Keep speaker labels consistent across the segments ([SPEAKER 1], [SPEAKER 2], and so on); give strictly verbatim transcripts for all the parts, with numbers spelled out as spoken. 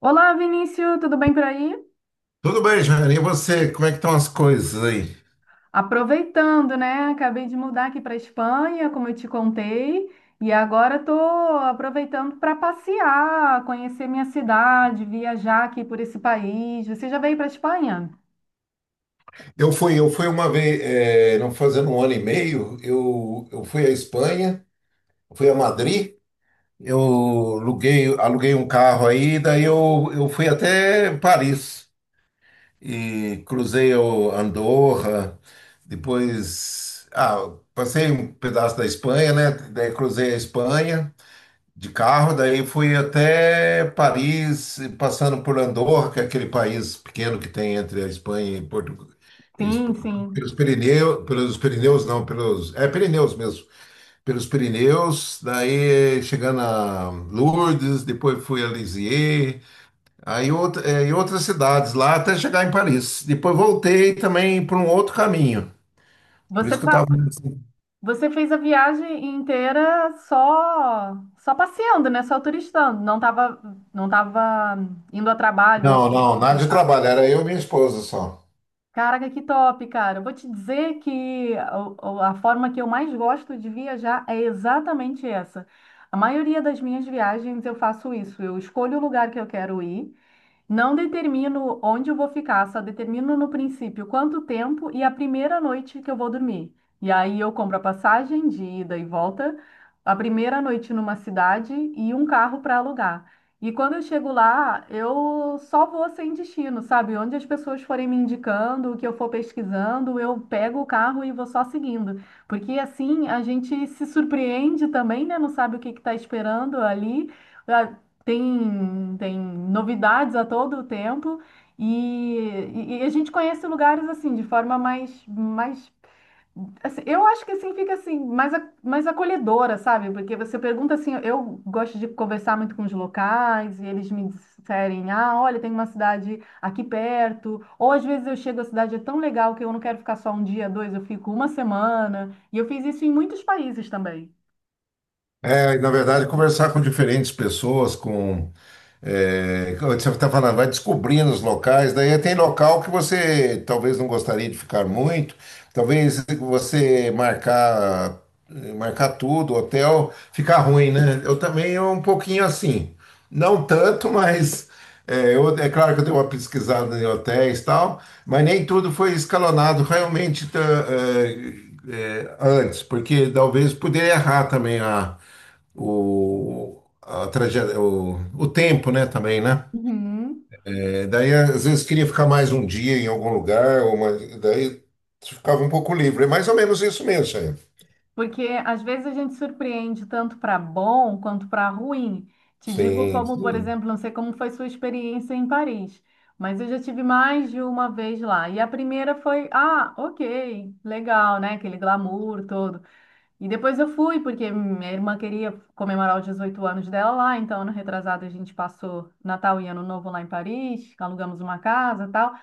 [SPEAKER 1] Olá, Vinícius, tudo bem por aí?
[SPEAKER 2] Tudo bem, Jair? E você? Como é que estão as coisas aí?
[SPEAKER 1] Aproveitando, né? Acabei de mudar aqui para Espanha, como eu te contei, e agora estou aproveitando para passear, conhecer minha cidade, viajar aqui por esse país. Você já veio para Espanha?
[SPEAKER 2] Eu fui, eu fui uma vez, eh, não fazendo um ano e meio, eu, eu fui à Espanha, fui a Madrid, eu aluguei, aluguei um carro aí, daí eu, eu fui até Paris e cruzei o Andorra, depois, ah, passei um pedaço da Espanha, né? Daí cruzei a Espanha de carro, daí fui até Paris, passando por Andorra, que é aquele país pequeno que tem entre a Espanha e Portugal.
[SPEAKER 1] Sim, sim.
[SPEAKER 2] Pelos Pirineus, pelos Pirineus não, pelos, é Pirineus mesmo, pelos Pirineus, daí chegando a Lourdes, depois fui a Lisieux, aí outra, é, em outras cidades lá até chegar em Paris. Depois voltei também por um outro caminho, por
[SPEAKER 1] Você,
[SPEAKER 2] isso que eu
[SPEAKER 1] tra-
[SPEAKER 2] estava.
[SPEAKER 1] Você fez a viagem inteira só só passeando, né? Só turistando. Não estava não tava indo a trabalho ou
[SPEAKER 2] Não,
[SPEAKER 1] coisa
[SPEAKER 2] não, nada de
[SPEAKER 1] assim.
[SPEAKER 2] trabalho, era eu e minha esposa só.
[SPEAKER 1] Caraca, que top, cara. Eu vou te dizer que o- o- a forma que eu mais gosto de viajar é exatamente essa. A maioria das minhas viagens eu faço isso. Eu escolho o lugar que eu quero ir. Não determino onde eu vou ficar, só determino no princípio quanto tempo e a primeira noite que eu vou dormir. E aí eu compro a passagem de ida e volta, a primeira noite numa cidade e um carro para alugar. E quando eu chego lá, eu só vou sem destino, sabe? Onde as pessoas forem me indicando, o que eu for pesquisando, eu pego o carro e vou só seguindo. Porque assim a gente se surpreende também, né? Não sabe o que está esperando ali. Tem, tem novidades a todo tempo e, e- e a gente conhece lugares assim de forma mais, mais assim. Eu acho que assim fica assim mais, a- mais acolhedora, sabe? Porque você pergunta assim, eu gosto de conversar muito com os locais e eles me disserem, ah, olha, tem uma cidade aqui perto, ou às vezes eu chego, a cidade é tão legal que eu não quero ficar só um dia, dois, eu fico uma semana, e eu fiz isso em muitos países também.
[SPEAKER 2] É, e, na verdade, conversar com diferentes pessoas, com. É, como você está falando, vai descobrindo os locais, daí tem local que você talvez não gostaria de ficar muito, talvez você marcar, marcar, tudo, hotel, fica ruim, né? Eu também é um pouquinho assim, não tanto, mas é, eu- é claro que eu dei uma pesquisada em hotéis e tal, mas nem tudo foi escalonado realmente tá, é, é, antes, porque talvez poderia errar também a o, a trajetória, o, o tempo, né, também, né?
[SPEAKER 1] Uhum.
[SPEAKER 2] É, daí, às vezes, queria ficar mais um dia em algum lugar, ou uma, daí ficava um pouco livre. É mais ou menos isso mesmo, Sayão.
[SPEAKER 1] Porque às vezes a gente surpreende tanto para bom quanto para ruim. Te digo
[SPEAKER 2] Sim,
[SPEAKER 1] como, por
[SPEAKER 2] sim.
[SPEAKER 1] exemplo, não sei como foi sua experiência em Paris, mas eu já tive mais de uma vez lá. E a primeira foi, ah, ok, legal, né? Aquele glamour todo. E depois eu fui, porque minha irmã queria comemorar os dezoito anos dela lá, então ano retrasado a gente passou Natal e Ano Novo lá em Paris, alugamos uma casa, e tal.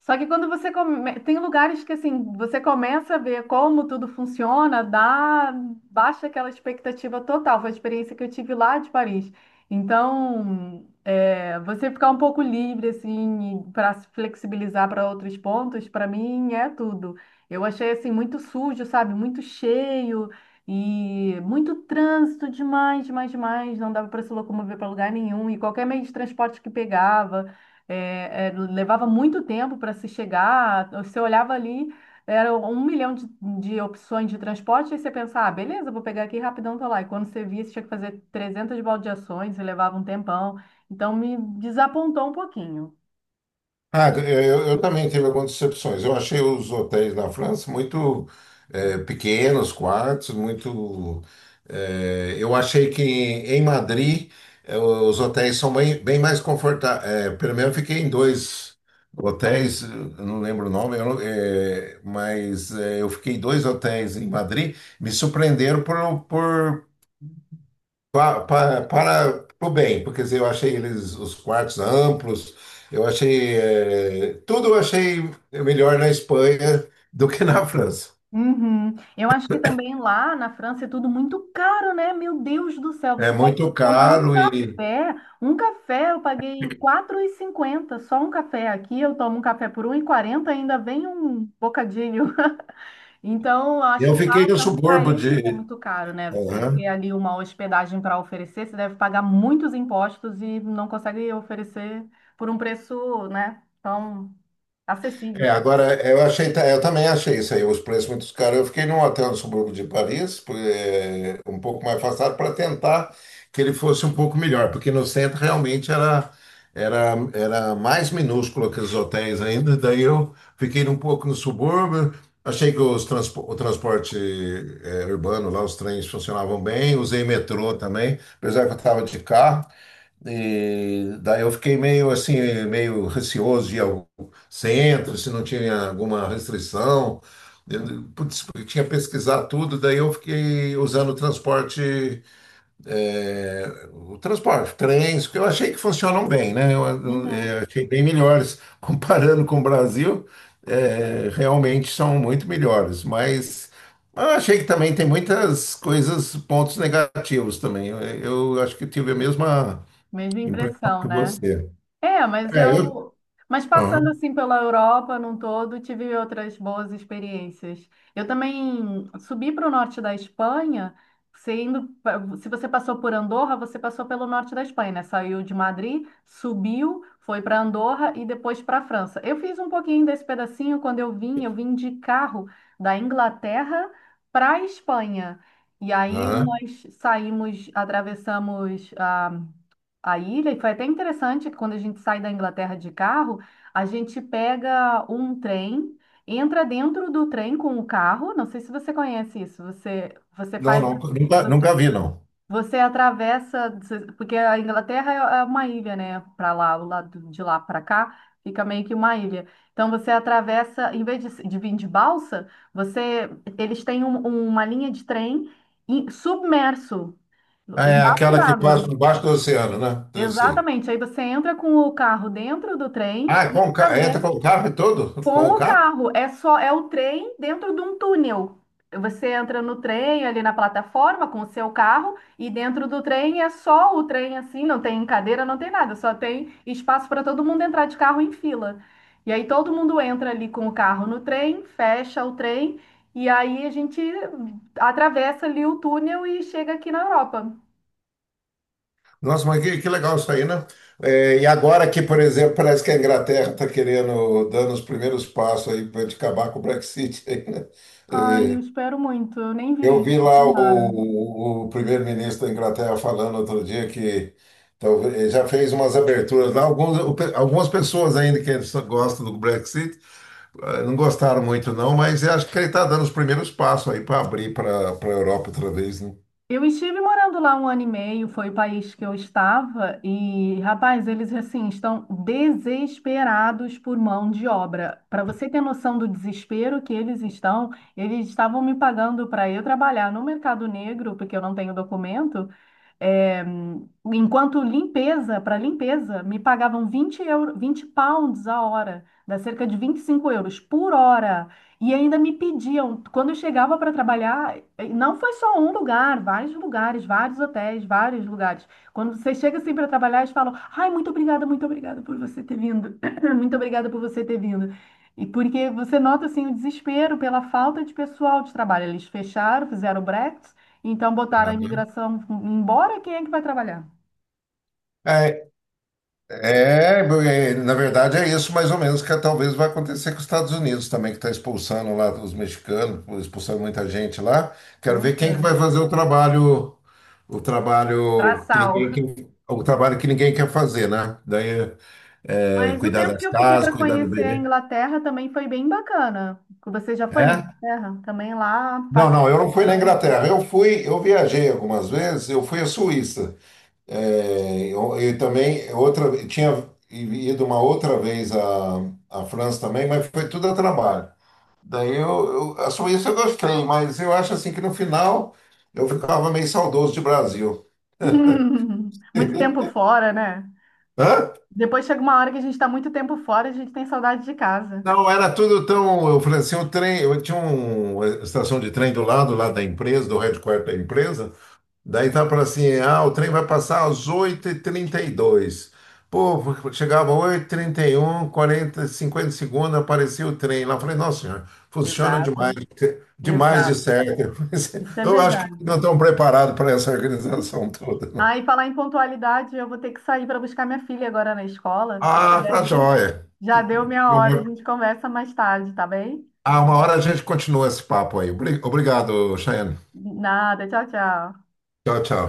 [SPEAKER 1] Só que quando você come... tem lugares que assim, você começa a ver como tudo funciona, dá baixa aquela expectativa total. Foi a experiência que eu tive lá de Paris. Então, é, você ficar um pouco livre assim para se flexibilizar para outros pontos, para mim é tudo. Eu achei assim muito sujo, sabe? Muito cheio e muito trânsito demais, demais, demais. Não dava para se locomover para lugar nenhum, e qualquer meio de transporte que pegava é, é, levava muito tempo para se chegar. Você olhava ali, era um milhão de, de opções de transporte, e você pensava, ah, beleza, vou pegar aqui rapidão, tô lá. E quando você via, você tinha que fazer trezentas baldeações e levava um tempão. Então me desapontou um pouquinho.
[SPEAKER 2] Ah, eh, eu, eu também tive algumas decepções. Eu achei os hotéis na França muito eh, pequenos, quartos, muito. Eh, eu achei que em Madrid eh, os hotéis são bem, bem mais confortáveis. Pelo menos eu fiquei em dois hotéis, eh, eu não lembro o nome, eu não- eh, mas eh, eu fiquei em dois hotéis em Madrid, me surpreenderam por, por Pa- pa- Para, o bem, porque quer dizer, eu achei eles os quartos amplos, eu achei eh, tudo eu achei melhor na Espanha do que na França.
[SPEAKER 1] Uhum. Eu acho que também lá na França é tudo muito caro, né? Meu Deus do céu,
[SPEAKER 2] É
[SPEAKER 1] você vai
[SPEAKER 2] muito
[SPEAKER 1] tomar um
[SPEAKER 2] caro e
[SPEAKER 1] café. Um café eu paguei quatro e cinquenta, só um café. Aqui eu tomo um café por um e quarenta, ainda vem um bocadinho. Então, eu acho
[SPEAKER 2] eu
[SPEAKER 1] que
[SPEAKER 2] fiquei
[SPEAKER 1] lá,
[SPEAKER 2] no
[SPEAKER 1] tanto para
[SPEAKER 2] subúrbio
[SPEAKER 1] eles, é
[SPEAKER 2] de.
[SPEAKER 1] muito caro, né? Você ter ali uma hospedagem para oferecer, você deve pagar muitos impostos e não consegue oferecer por um preço, né, tão
[SPEAKER 2] É,
[SPEAKER 1] acessível.
[SPEAKER 2] agora eu achei, ta- eu também achei isso aí, os preços muito caros. Eu fiquei num hotel no subúrbio de Paris, por- é, um pouco mais afastado, para tentar que ele fosse um pouco melhor, porque no centro realmente era, era, era mais minúsculo que os hotéis ainda. Daí eu fiquei um pouco no subúrbio, achei que os transpo- o transporte é, urbano lá, os trens funcionavam bem, usei metrô também, apesar que eu estava de carro. E daí eu fiquei meio assim, meio receoso de ir centro, se não tinha alguma restrição. Eu, putz, porque tinha pesquisado tudo, daí eu fiquei usando o transporte, é, o transporte, trens, porque eu achei que funcionam bem, né? Eu, eu,
[SPEAKER 1] Uhum.
[SPEAKER 2] é, achei bem melhores. Comparando com o Brasil, é, realmente são muito melhores, mas eu achei que também tem muitas coisas, pontos negativos também. Eu, eu acho que tive a mesma
[SPEAKER 1] Mesma
[SPEAKER 2] impressão
[SPEAKER 1] impressão,
[SPEAKER 2] que
[SPEAKER 1] né?
[SPEAKER 2] você.
[SPEAKER 1] É, mas
[SPEAKER 2] É, eu.
[SPEAKER 1] eu. Mas
[SPEAKER 2] Aham,
[SPEAKER 1] passando assim pela Europa num todo, tive outras boas experiências. Eu também subi para o norte da Espanha. Você indo, pa- se você passou por Andorra, você passou pelo norte da Espanha, né? Saiu de Madrid, subiu, foi para Andorra e depois para a França. Eu fiz um pouquinho desse pedacinho quando eu vim. Eu vim de carro da Inglaterra para a Espanha. E aí
[SPEAKER 2] aham.
[SPEAKER 1] nós saímos, atravessamos a a ilha, e foi até interessante que quando a gente sai da Inglaterra de carro, a gente pega um trem, entra dentro do trem com o carro, não sei se você conhece isso. Você, você,
[SPEAKER 2] Não,
[SPEAKER 1] faz,
[SPEAKER 2] não, nunca,
[SPEAKER 1] você,
[SPEAKER 2] nunca vi, não.
[SPEAKER 1] você atravessa, você- porque a Inglaterra é é uma ilha, né? Para lá, o lado de lá para cá. Fica meio que uma ilha. Então você atravessa, em vez de, se- de vir de balsa, você, eles têm um- uma linha de trem em- submerso,
[SPEAKER 2] Ah, é
[SPEAKER 1] embaixo
[SPEAKER 2] aquela que
[SPEAKER 1] d'água.
[SPEAKER 2] passa debaixo do oceano, né? Eu sei.
[SPEAKER 1] Exatamente. Aí você entra com o carro dentro do trem
[SPEAKER 2] Ah, é
[SPEAKER 1] e
[SPEAKER 2] com, o ca- entra
[SPEAKER 1] atravessa
[SPEAKER 2] com o carro e tudo? Com
[SPEAKER 1] com
[SPEAKER 2] o
[SPEAKER 1] o
[SPEAKER 2] carro?
[SPEAKER 1] carro. É só é o trem dentro de um túnel. Você entra no trem ali na plataforma com o seu carro, e dentro do trem é só o trem assim, não tem cadeira, não tem nada, só tem espaço para todo mundo entrar de carro em fila. E aí todo mundo entra ali com o carro no trem, fecha o trem, e aí a gente atravessa ali o túnel e chega aqui na Europa.
[SPEAKER 2] Nossa, mas que, que legal isso aí, né? É, e agora que, por exemplo, parece que a Inglaterra está querendo, dando os primeiros passos aí para acabar com o Brexit, aí, né?
[SPEAKER 1] Ai, eu
[SPEAKER 2] É,
[SPEAKER 1] espero muito. Eu nem vi
[SPEAKER 2] eu vi
[SPEAKER 1] isso.
[SPEAKER 2] lá
[SPEAKER 1] Tomara.
[SPEAKER 2] o, o primeiro-ministro da Inglaterra falando outro dia que talvez, já fez umas aberturas lá. Alguns, algumas pessoas ainda que gostam do Brexit, eh, não gostaram muito, não, mas eu acho que ele está dando os primeiros passos aí para abrir para a Europa outra vez, né?
[SPEAKER 1] Eu estive morando lá um ano e meio, foi o país que eu estava, e rapaz, eles assim estão desesperados por mão de obra. Para você ter noção do desespero que eles estão, eles estavam me pagando para eu trabalhar no mercado negro, porque eu não tenho documento, é, enquanto limpeza, para limpeza, me pagavam vinte euro, vinte pounds a hora, dá cerca de vinte e cinco euros por hora. E ainda me pediam, quando eu chegava para trabalhar, eh, não foi só um lugar, vários lugares, vários hotéis, vários lugares. Quando você chega assim para trabalhar, eles falam: "Ai, muito obrigada, muito obrigada por você ter vindo." "Muito obrigada por você ter vindo." E porque você nota assim o desespero pela falta de pessoal de trabalho. Eles fecharam, fizeram o Brexit. Então botaram
[SPEAKER 2] Ah,
[SPEAKER 1] a
[SPEAKER 2] né?
[SPEAKER 1] imigração embora, quem é que vai trabalhar?
[SPEAKER 2] É, é, bo- é, na verdade é isso mais ou menos que talvez vai acontecer com os Estados Unidos também, que está expulsando lá os mexicanos, expulsando muita gente lá. Quero
[SPEAKER 1] Pois
[SPEAKER 2] ver quem que vai
[SPEAKER 1] é.
[SPEAKER 2] fazer o trabalho, o trabalho que ninguém,
[SPEAKER 1] Braçal.
[SPEAKER 2] que- o trabalho que ninguém quer fazer, né? Daí, é,
[SPEAKER 1] Mas o
[SPEAKER 2] cuidar
[SPEAKER 1] tempo
[SPEAKER 2] das
[SPEAKER 1] que eu fiquei
[SPEAKER 2] casas,
[SPEAKER 1] para
[SPEAKER 2] cuidar do
[SPEAKER 1] conhecer a
[SPEAKER 2] bebê.
[SPEAKER 1] Inglaterra também foi bem bacana. Você já foi na
[SPEAKER 2] É?
[SPEAKER 1] Inglaterra? Também lá,
[SPEAKER 2] Não, não,
[SPEAKER 1] pacificando.
[SPEAKER 2] eu não fui na Inglaterra. Eu fui, eu viajei algumas vezes, eu fui à Suíça. É, eu, eu também outra, tinha ido uma outra vez à, à, França também, mas foi tudo a trabalho. Daí eu, eu- a Suíça eu gostei, mas eu acho assim que no final eu ficava meio saudoso de Brasil.
[SPEAKER 1] Muito tempo fora, né?
[SPEAKER 2] Hã?
[SPEAKER 1] Depois chega uma hora que a gente está muito tempo fora, e a gente tem saudade de casa.
[SPEAKER 2] Não, era tudo tão. Eu falei assim, o trem, eu tinha uma estação de trem do lado lá da empresa, do headquarter da empresa. Daí tá para assim, ah, o trem vai passar às oito e trinta e dois. Pô, chegava oito e trinta e um, quarenta, cinquenta segundos, aparecia o trem lá. Eu falei, nossa senhora, funciona
[SPEAKER 1] Exato,
[SPEAKER 2] demais, demais de
[SPEAKER 1] exato.
[SPEAKER 2] certo.
[SPEAKER 1] Isso é
[SPEAKER 2] Eu acho que
[SPEAKER 1] verdade.
[SPEAKER 2] não estão preparados para essa organização toda, não.
[SPEAKER 1] Ah, e falar em pontualidade, eu vou ter que sair para buscar minha filha agora na escola.
[SPEAKER 2] Ah,
[SPEAKER 1] E
[SPEAKER 2] tá
[SPEAKER 1] aí,
[SPEAKER 2] joia.
[SPEAKER 1] já deu minha hora, a gente conversa mais tarde, tá bem?
[SPEAKER 2] Ah, uma hora a gente continua esse papo aí. Obri- Obrigado, Cheyenne.
[SPEAKER 1] Nada, tchau, tchau.
[SPEAKER 2] Tchau, tchau.